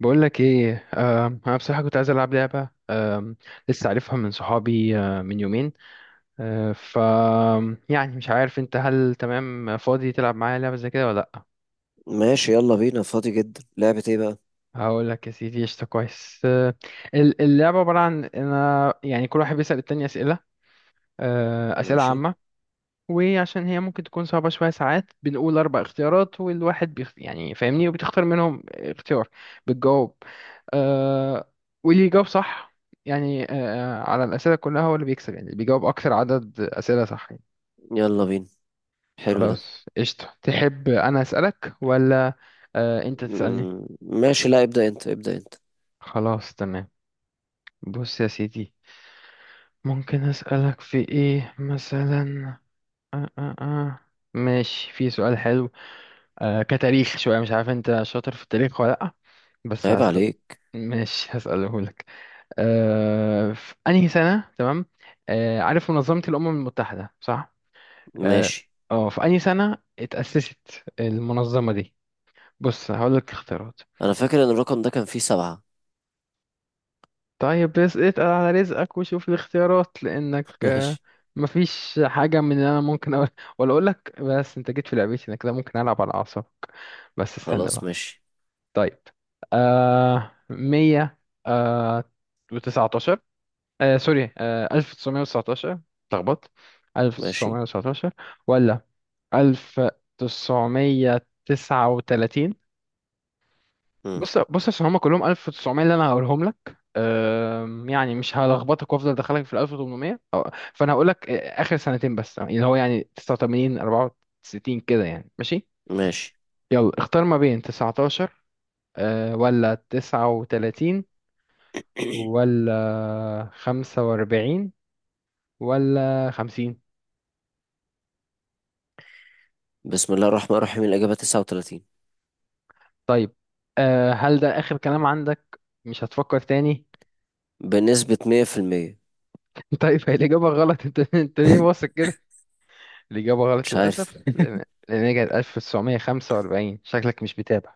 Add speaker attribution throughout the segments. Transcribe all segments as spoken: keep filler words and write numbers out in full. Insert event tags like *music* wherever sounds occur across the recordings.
Speaker 1: بقول لك ايه، آم، انا بصراحه كنت عايز العب لعبه، آم، لسه عارفها من صحابي، آه، من يومين. آه، ف يعني مش عارف انت هل تمام فاضي تلعب معايا لعبه زي كده ولا لا؟
Speaker 2: ماشي، يلا بينا. فاضي جدا. لعبة ايه بقى؟
Speaker 1: هقول لك يا سيدي قشطه، كويس. آه، ال- اللعبه عباره عن انا يعني كل واحد بيسال التاني اسئله، آه، اسئله
Speaker 2: ماشي،
Speaker 1: عامه. وعشان هي ممكن تكون صعبة شوية ساعات بنقول أربع اختيارات والواحد بيخ... يعني فاهمني، وبتختار منهم اختيار، بتجاوب. آه... واللي يجاوب صح يعني آه... على الأسئلة كلها هو اللي بيكسب، يعني اللي بيجاوب أكثر عدد أسئلة صح يعني.
Speaker 2: يلا بينا. حلو ده.
Speaker 1: خلاص قشطة، تحب أنا أسألك ولا آه... أنت تسألني؟
Speaker 2: مم، ماشي. لا، ابدأ انت ابدأ انت.
Speaker 1: خلاص تمام. بص يا سيدي، ممكن أسألك في إيه مثلا؟ آه آه آه. ماشي، في سؤال حلو. آه كتاريخ شوية، مش عارف انت شاطر في التاريخ ولا لأ، بس
Speaker 2: عيب
Speaker 1: هسأل.
Speaker 2: عليك.
Speaker 1: ماشي، هسأله لك. آه في أنهي سنة، تمام؟ آه عارف منظمة الأمم المتحدة صح؟ اه.
Speaker 2: ماشي.
Speaker 1: آه، في أنهي سنة اتأسست المنظمة دي؟ بص هقول لك اختيارات.
Speaker 2: انا فاكر ان الرقم ده كان فيه سبعة.
Speaker 1: طيب بس اتقل على رزقك وشوف الاختيارات، لأنك
Speaker 2: *laughs*
Speaker 1: آه
Speaker 2: ماشي.
Speaker 1: مفيش حاجة من اللي أنا ممكن أقول، ولا أقول لك. بس أنت جيت في لعبتي أنا، كده ممكن ألعب على أعصابك. بس استنى
Speaker 2: خلاص،
Speaker 1: بقى.
Speaker 2: ماشي
Speaker 1: طيب، آه مية آه وتسعتاشر، آه سوري، آه ألف تسعمية وتسعتاشر. اتلخبطت. ألف
Speaker 2: ماشي.
Speaker 1: تسعمية وتسعتاشر، ولا ألف تسعمية تسعة وتلاتين.
Speaker 2: مم.
Speaker 1: بص بص، عشان هما كلهم ألف وتسعمية اللي أنا هقولهم لك، آم، يعني مش هلخبطك وأفضل أدخلك في الألف وتمنمية أو- فأنا هقول لك، آه، آخر سنتين بس، اللي هو يعني تسعة وتمانين أربعة وستين كده يعني، ماشي.
Speaker 2: ماشي.
Speaker 1: يلا اختار ما بين تسعتاشر، آه، ولا تسعة وتلاتين، ولا خمسة وأربعين، ولا خمسين.
Speaker 2: بسم الله الرحمن الرحيم. الإجابة تسعة وثلاثين.
Speaker 1: طيب، أه هل ده آخر كلام عندك؟ مش هتفكر تاني؟
Speaker 2: بنسبة مية في المية.
Speaker 1: *laughs* طيب هي الإجابة غلط. أنت أنت ليه واثق كده؟ الإجابة غلط
Speaker 2: مش عارف.
Speaker 1: للأسف، لأن لأن هي كانت ألف تسعمية وخمسة وأربعين، شكلك مش بتابع.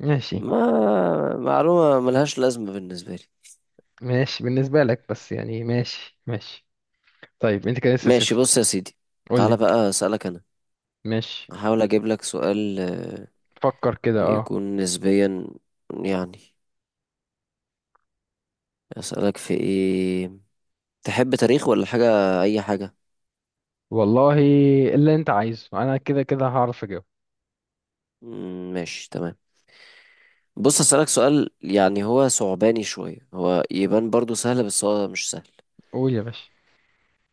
Speaker 1: ماشي،
Speaker 2: ما معلومة ملهاش لازمة بالنسبة لي.
Speaker 1: ماشي بالنسبة لك، بس يعني ماشي ماشي. طيب أنت كده لسه
Speaker 2: ماشي،
Speaker 1: صفر.
Speaker 2: بص يا سيدي.
Speaker 1: قول
Speaker 2: تعالى
Speaker 1: لي.
Speaker 2: بقى أسألك أنا.
Speaker 1: ماشي.
Speaker 2: هحاول أجيب لك سؤال آه،
Speaker 1: فكر كده، أه.
Speaker 2: يكون نسبيا يعني. أسألك في إيه؟ تحب تاريخ ولا حاجة، أي حاجة.
Speaker 1: والله اللي أنت عايزه، أنا كده كده هعرف أجاوب.
Speaker 2: مم، ماشي تمام. بص، أسألك سؤال يعني هو صعباني شوية، هو يبان برضو سهل بس هو مش سهل.
Speaker 1: قول يا باشا.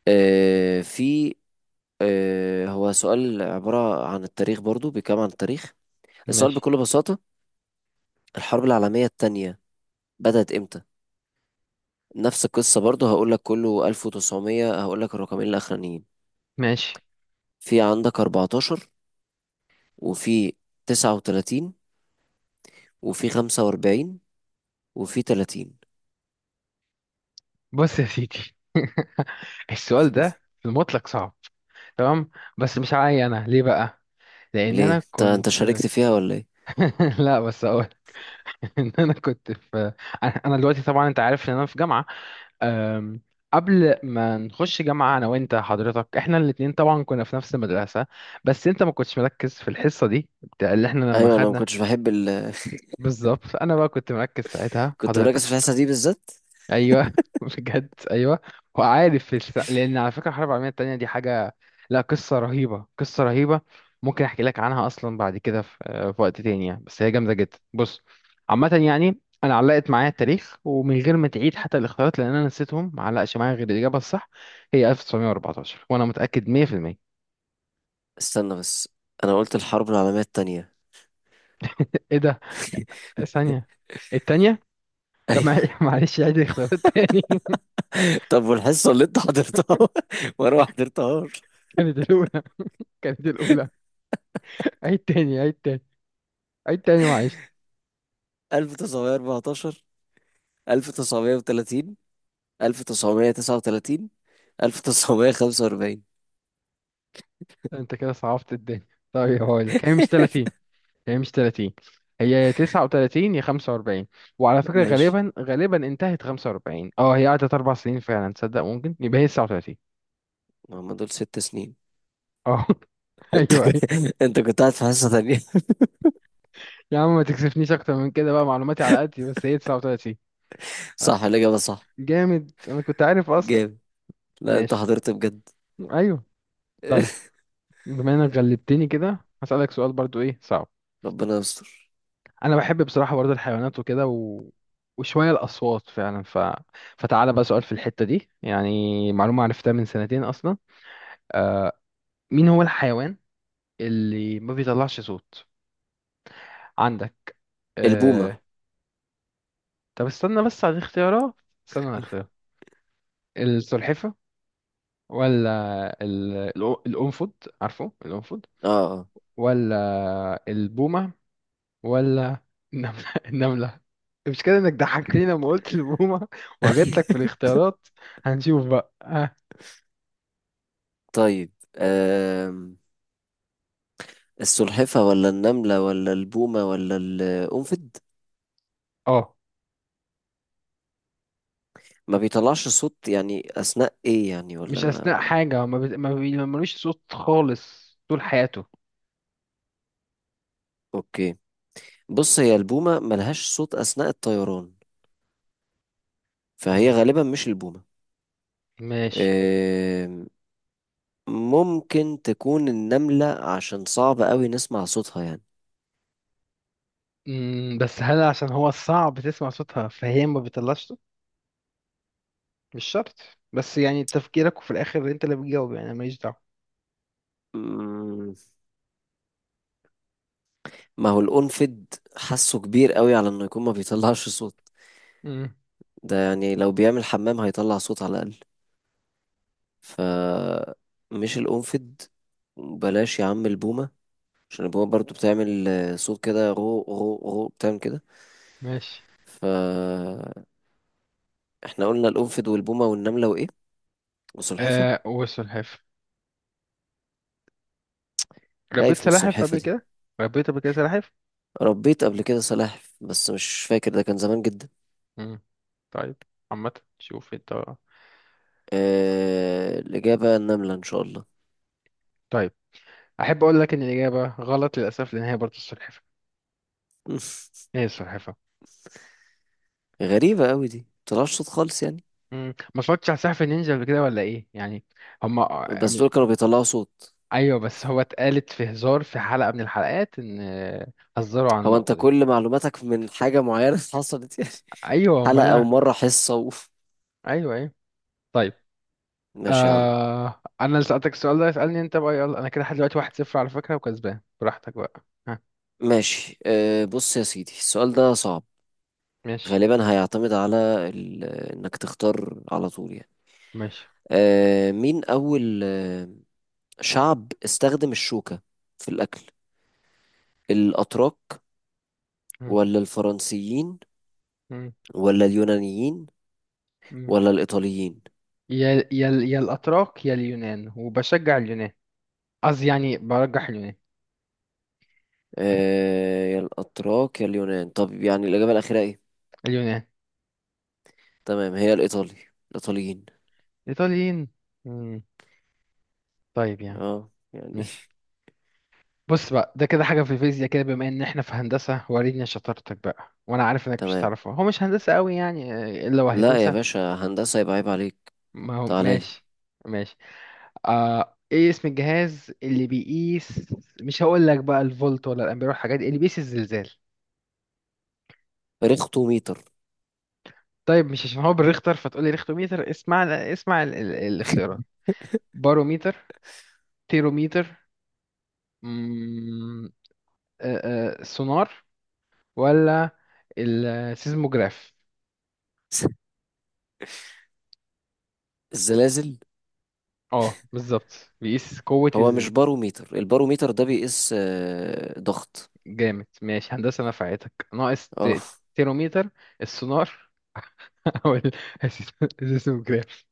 Speaker 2: آه في آه هو سؤال عبارة عن التاريخ، برضو بيتكلم عن التاريخ. السؤال
Speaker 1: ماشي،
Speaker 2: بكل بساطة: الحرب العالمية التانية بدأت إمتى؟ نفس القصة برضو، هقول لك كله ألف وتسعمية، هقول لك الرقمين الأخرانيين.
Speaker 1: ماشي.
Speaker 2: في عندك أربعة عشر، وفي تسعة وتلاتين، وفي خمسة وأربعين، وفي تلاتين.
Speaker 1: بص يا سيدي. *laughs* السؤال ده في المطلق صعب، تمام، بس مش عاي انا ليه بقى، لان
Speaker 2: ليه؟
Speaker 1: انا
Speaker 2: انت انت
Speaker 1: كنت.
Speaker 2: شاركت فيها ولا ايه؟
Speaker 1: *laughs* لا بس اقول *laughs* ان انا كنت في، انا. أنا دلوقتي طبعا انت عارف ان انا في جامعه، أم، قبل ما نخش جامعه انا وانت حضرتك احنا الاتنين طبعا كنا في نفس المدرسه. بس انت ما كنتش مركز في الحصه دي بتاع- اللي احنا لما
Speaker 2: أيوة، أنا ما
Speaker 1: خدنا.
Speaker 2: كنتش بحب ال *laughs*
Speaker 1: بالظبط، انا بقى كنت مركز ساعتها
Speaker 2: كنت
Speaker 1: حضرتك.
Speaker 2: مركز في الحصة دي بالذات.
Speaker 1: ايوه *laughs* بجد ايوه. وعارف الس... لان على فكره الحرب العالميه التانية دي حاجه، لا قصه رهيبه، قصه رهيبه. ممكن احكي لك عنها اصلا بعد كده في، آه، في وقت تاني يعني، بس هي جامده جدا. بص، عامه يعني انا علقت معايا التاريخ، ومن غير ما تعيد حتى الاختيارات، لان انا نسيتهم، ما علقش معايا غير الاجابه الصح. هي ألف تسعمية وأربعتاشر، وانا متاكد مية في المية.
Speaker 2: استنى بس، أنا قلت الحرب العالمية التانية.
Speaker 1: ايه ده؟
Speaker 2: *laughs*
Speaker 1: ثانيه؟ التانية؟ طب مع-
Speaker 2: أيوة.
Speaker 1: *laughs* معلش عيد الاختيارات تاني. *laughs*
Speaker 2: طب والحصة اللي أنت حضرتها *laughs* وأنا ما حضرتهاش.
Speaker 1: كانت الاولى، كانت الاولى. عيد تاني، عيد تاني، عيد تاني، معلش.
Speaker 2: ألف تسعمية وأربعة عشر، ألف تسعمية وثلاثين، ألف وتسعمية وتسعة وتلاتين، ألف وتسعمية وخمسة وأربعين.
Speaker 1: انت كده صعبت الدنيا. طيب هقول لك، هي مش
Speaker 2: *laughs*
Speaker 1: تلاتين، هي مش تلاتين. هي يا تسعة وتلاتين يا خمسة وأربعين. وعلى فكرة
Speaker 2: ماشي.
Speaker 1: غالبا، غالبا انتهت خمسة وأربعين، اه هي قعدت اربع سنين فعلا. تصدق ممكن يبقى هي تسعة وتلاتين.
Speaker 2: ما هم دول ست سنين.
Speaker 1: اه *laughs*
Speaker 2: *laughs* انت
Speaker 1: ايوه
Speaker 2: كنت
Speaker 1: ايوه.
Speaker 2: انت كنت قاعد في حصة تانية.
Speaker 1: يا عم ما تكسفنيش اكتر من كده بقى، معلوماتي على قد. بس هي تسعة وتلاتين.
Speaker 2: *laughs*
Speaker 1: آه،
Speaker 2: صح، الإجابة صح.
Speaker 1: جامد، انا كنت عارف اصلا.
Speaker 2: جامد. لا، انت
Speaker 1: ماشي.
Speaker 2: حضرت بجد.
Speaker 1: ايوه. طيب
Speaker 2: *laughs*
Speaker 1: بما انك غلبتني كده، هسألك سؤال برضو ايه صعب.
Speaker 2: ربنا يستر.
Speaker 1: انا بحب بصراحه برضه الحيوانات وكده، و... وشويه الاصوات فعلا، ف... فتعالى بقى سؤال في الحته دي، يعني معلومه عرفتها من سنتين اصلا. مين هو الحيوان اللي ما بيطلعش صوت عندك؟
Speaker 2: البومة.
Speaker 1: أه... طب استنى بس على الاختيارات، استنى على الاختيارات. السلحفه، ولا ال... الأ- الانفود، عارفه الانفود،
Speaker 2: اه، اه.
Speaker 1: ولا البومه، ولا النمله. *laughs* النمله. مش كده انك ضحكتني لما قلت البومه وجات لك في
Speaker 2: *laughs*
Speaker 1: الاختيارات؟ هنشوف بقى.
Speaker 2: طيب آم. السلحفة ولا النملة ولا البومة ولا القنفد؟
Speaker 1: اه
Speaker 2: ما بيطلعش صوت يعني أثناء إيه يعني، ولا
Speaker 1: مش
Speaker 2: ما
Speaker 1: اثناء
Speaker 2: ما-
Speaker 1: حاجه، ما بت... ما بي- ما ملوش صوت خالص طول حياته.
Speaker 2: أوكي. بص، هي البومة ملهاش صوت أثناء الطيران، فهي
Speaker 1: مم.
Speaker 2: غالبا مش البومة.
Speaker 1: ماشي.
Speaker 2: آم، ممكن تكون النملة عشان صعب قوي نسمع صوتها يعني.
Speaker 1: مم، بس هل عشان هو صعب تسمع صوتها فهي ما بتطلعش صوت؟ مش شرط، بس يعني تفكيرك، وفي الاخر انت اللي بتجاوب، يعني أنا ماليش دعوه.
Speaker 2: مم، ما هو القنفد حاسه كبير قوي على إنه يكون ما بيطلعش صوت.
Speaker 1: مم،
Speaker 2: ده يعني لو بيعمل حمام هيطلع صوت على الأقل. ف مش القنفد. بلاش يا عم البومة، عشان البومة برضو بتعمل آه، صوت كده، غو غو غو بتعمل كده.
Speaker 1: ماشي.
Speaker 2: ف احنا قلنا القنفد والبومة والنملة وإيه؟ والسلحفة.
Speaker 1: آه وسلحفاه. ربيت
Speaker 2: خايف من
Speaker 1: سلاحف
Speaker 2: السلحفة
Speaker 1: قبل
Speaker 2: دي.
Speaker 1: كده، ربيت قبل كده سلاحف.
Speaker 2: ربيت قبل كده سلاحف بس مش فاكر، ده كان زمان جدا.
Speaker 1: مم. طيب، عامة شوف انت.
Speaker 2: اه... الإجابة النملة إن شاء الله.
Speaker 1: طيب احب اقول لك ان الاجابه غلط للاسف، لان هي برضه السلحفاه. ايه
Speaker 2: *laughs*
Speaker 1: السلحفاه.
Speaker 2: غريبة قوي دي، مطلعش صوت خالص يعني؟
Speaker 1: مم. ما اتفرجتش على سقف النينجا قبل كده ولا ايه يعني؟ هما.
Speaker 2: بس دول كانوا بيطلعوا صوت.
Speaker 1: ايوه، بس هو اتقالت في هزار، في حلقة من الحلقات، ان هزروا عن
Speaker 2: هو انت
Speaker 1: النقطة دي.
Speaker 2: كل معلوماتك من حاجة معينة *laughs* حصلت يعني؟
Speaker 1: ايوه هما
Speaker 2: حلقة
Speaker 1: انا.
Speaker 2: ومرة حصة. اوف.
Speaker 1: ايوه ايوه. طيب،
Speaker 2: ماشي يا عم.
Speaker 1: آه... انا اللي سألتك السؤال ده، اسألني انت بقى يلا. انا كده لحد دلوقتي واحد صفر على فكرة، وكسبان براحتك بقى، ها.
Speaker 2: ماشي أه بص يا سيدي، السؤال ده صعب.
Speaker 1: ماشي،
Speaker 2: غالبا هيعتمد على ال... انك تختار على طول يعني.
Speaker 1: ماشي.
Speaker 2: أه، مين اول آه، شعب استخدم الشوكة في الاكل؟ الاتراك،
Speaker 1: مم.
Speaker 2: ولا الفرنسيين،
Speaker 1: مم.
Speaker 2: ولا اليونانيين،
Speaker 1: مم.
Speaker 2: ولا الايطاليين؟
Speaker 1: يا يا يا الاتراك يا اليونان، وبشجع اليونان. قصدي يعني برجح اليونان.
Speaker 2: أه، يا الاتراك يا اليونان. طب يعني الاجابة الاخيرة ايه؟
Speaker 1: اليونان.
Speaker 2: تمام، هي الايطالي الايطاليين.
Speaker 1: ايطاليين. مم. طيب يا عم.
Speaker 2: اه يعني.
Speaker 1: ماشي. بص بقى، ده كده حاجة في الفيزياء كده، بما ان احنا في هندسة، وريني شطارتك بقى. وانا عارف
Speaker 2: *laughs*
Speaker 1: انك مش
Speaker 2: تمام.
Speaker 1: هتعرفها، هو مش هندسة قوي يعني، آه، الا وهيكون
Speaker 2: لا يا
Speaker 1: سهل.
Speaker 2: باشا، هندسة يبقى عيب عليك.
Speaker 1: ما هو
Speaker 2: تعالى لي.
Speaker 1: ماشي، ماشي. آه ايه اسم الجهاز اللي بيقيس، مش هقول لك بقى الفولت ولا الامبير والحاجات دي، اللي بيقيس الزلزال؟
Speaker 2: ريختوميتر.
Speaker 1: طيب مش عشان هو بالريختر فتقول لي ريختوميتر. اسمع، اسمع ال ال الاختيارات. باروميتر، تيروميتر، مم، آه، آه، سونار، ولا السيزموجراف.
Speaker 2: *laughs* الزلازل.
Speaker 1: اه بالظبط، بيقيس قوة
Speaker 2: هو مش
Speaker 1: الزلزال.
Speaker 2: باروميتر؟ الباروميتر ده بيقيس آه، ضغط.
Speaker 1: جامد، ماشي، هندسة نفعتك ناقص
Speaker 2: اه.
Speaker 1: ت- تيرومتر، السونار، *laughs* او ال- السيسموجراف.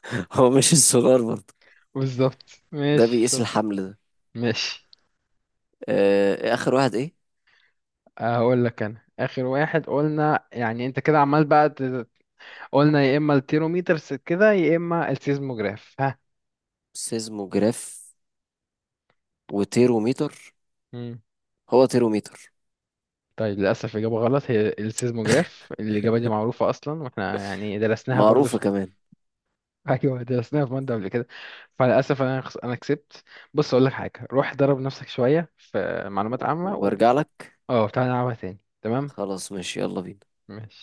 Speaker 2: *laughs* هو مش السولار برضه؟
Speaker 1: *laughs* بالظبط،
Speaker 2: ده
Speaker 1: ماشي
Speaker 2: بيقيس
Speaker 1: شاطر.
Speaker 2: الحمل ده.
Speaker 1: ماشي.
Speaker 2: آه، اخر واحد ايه؟
Speaker 1: هقول لك انا اخر واحد قلنا، يعني انت كده عمال بقى ت- قلنا يا اما التيرومتر س- كده، يا اما السيزموجراف، ها.
Speaker 2: سيزموجراف وتيروميتر.
Speaker 1: مم.
Speaker 2: هو تيروميتر.
Speaker 1: طيب للاسف اجابه غلط، هي السيزموجراف. الاجابه دي معروفه اصلا، واحنا يعني درسناها برضو.
Speaker 2: معروفة كمان.
Speaker 1: ايوه درسناها في ماده قبل كده. فللاسف انا خس... انا كسبت. بص اقول لك حاجه، روح درب نفسك شويه في معلومات عامه و...
Speaker 2: وارجع لك.
Speaker 1: اه تعالى نلعبها تاني، تمام.
Speaker 2: خلاص، ماشي يلا بينا.
Speaker 1: ماشي.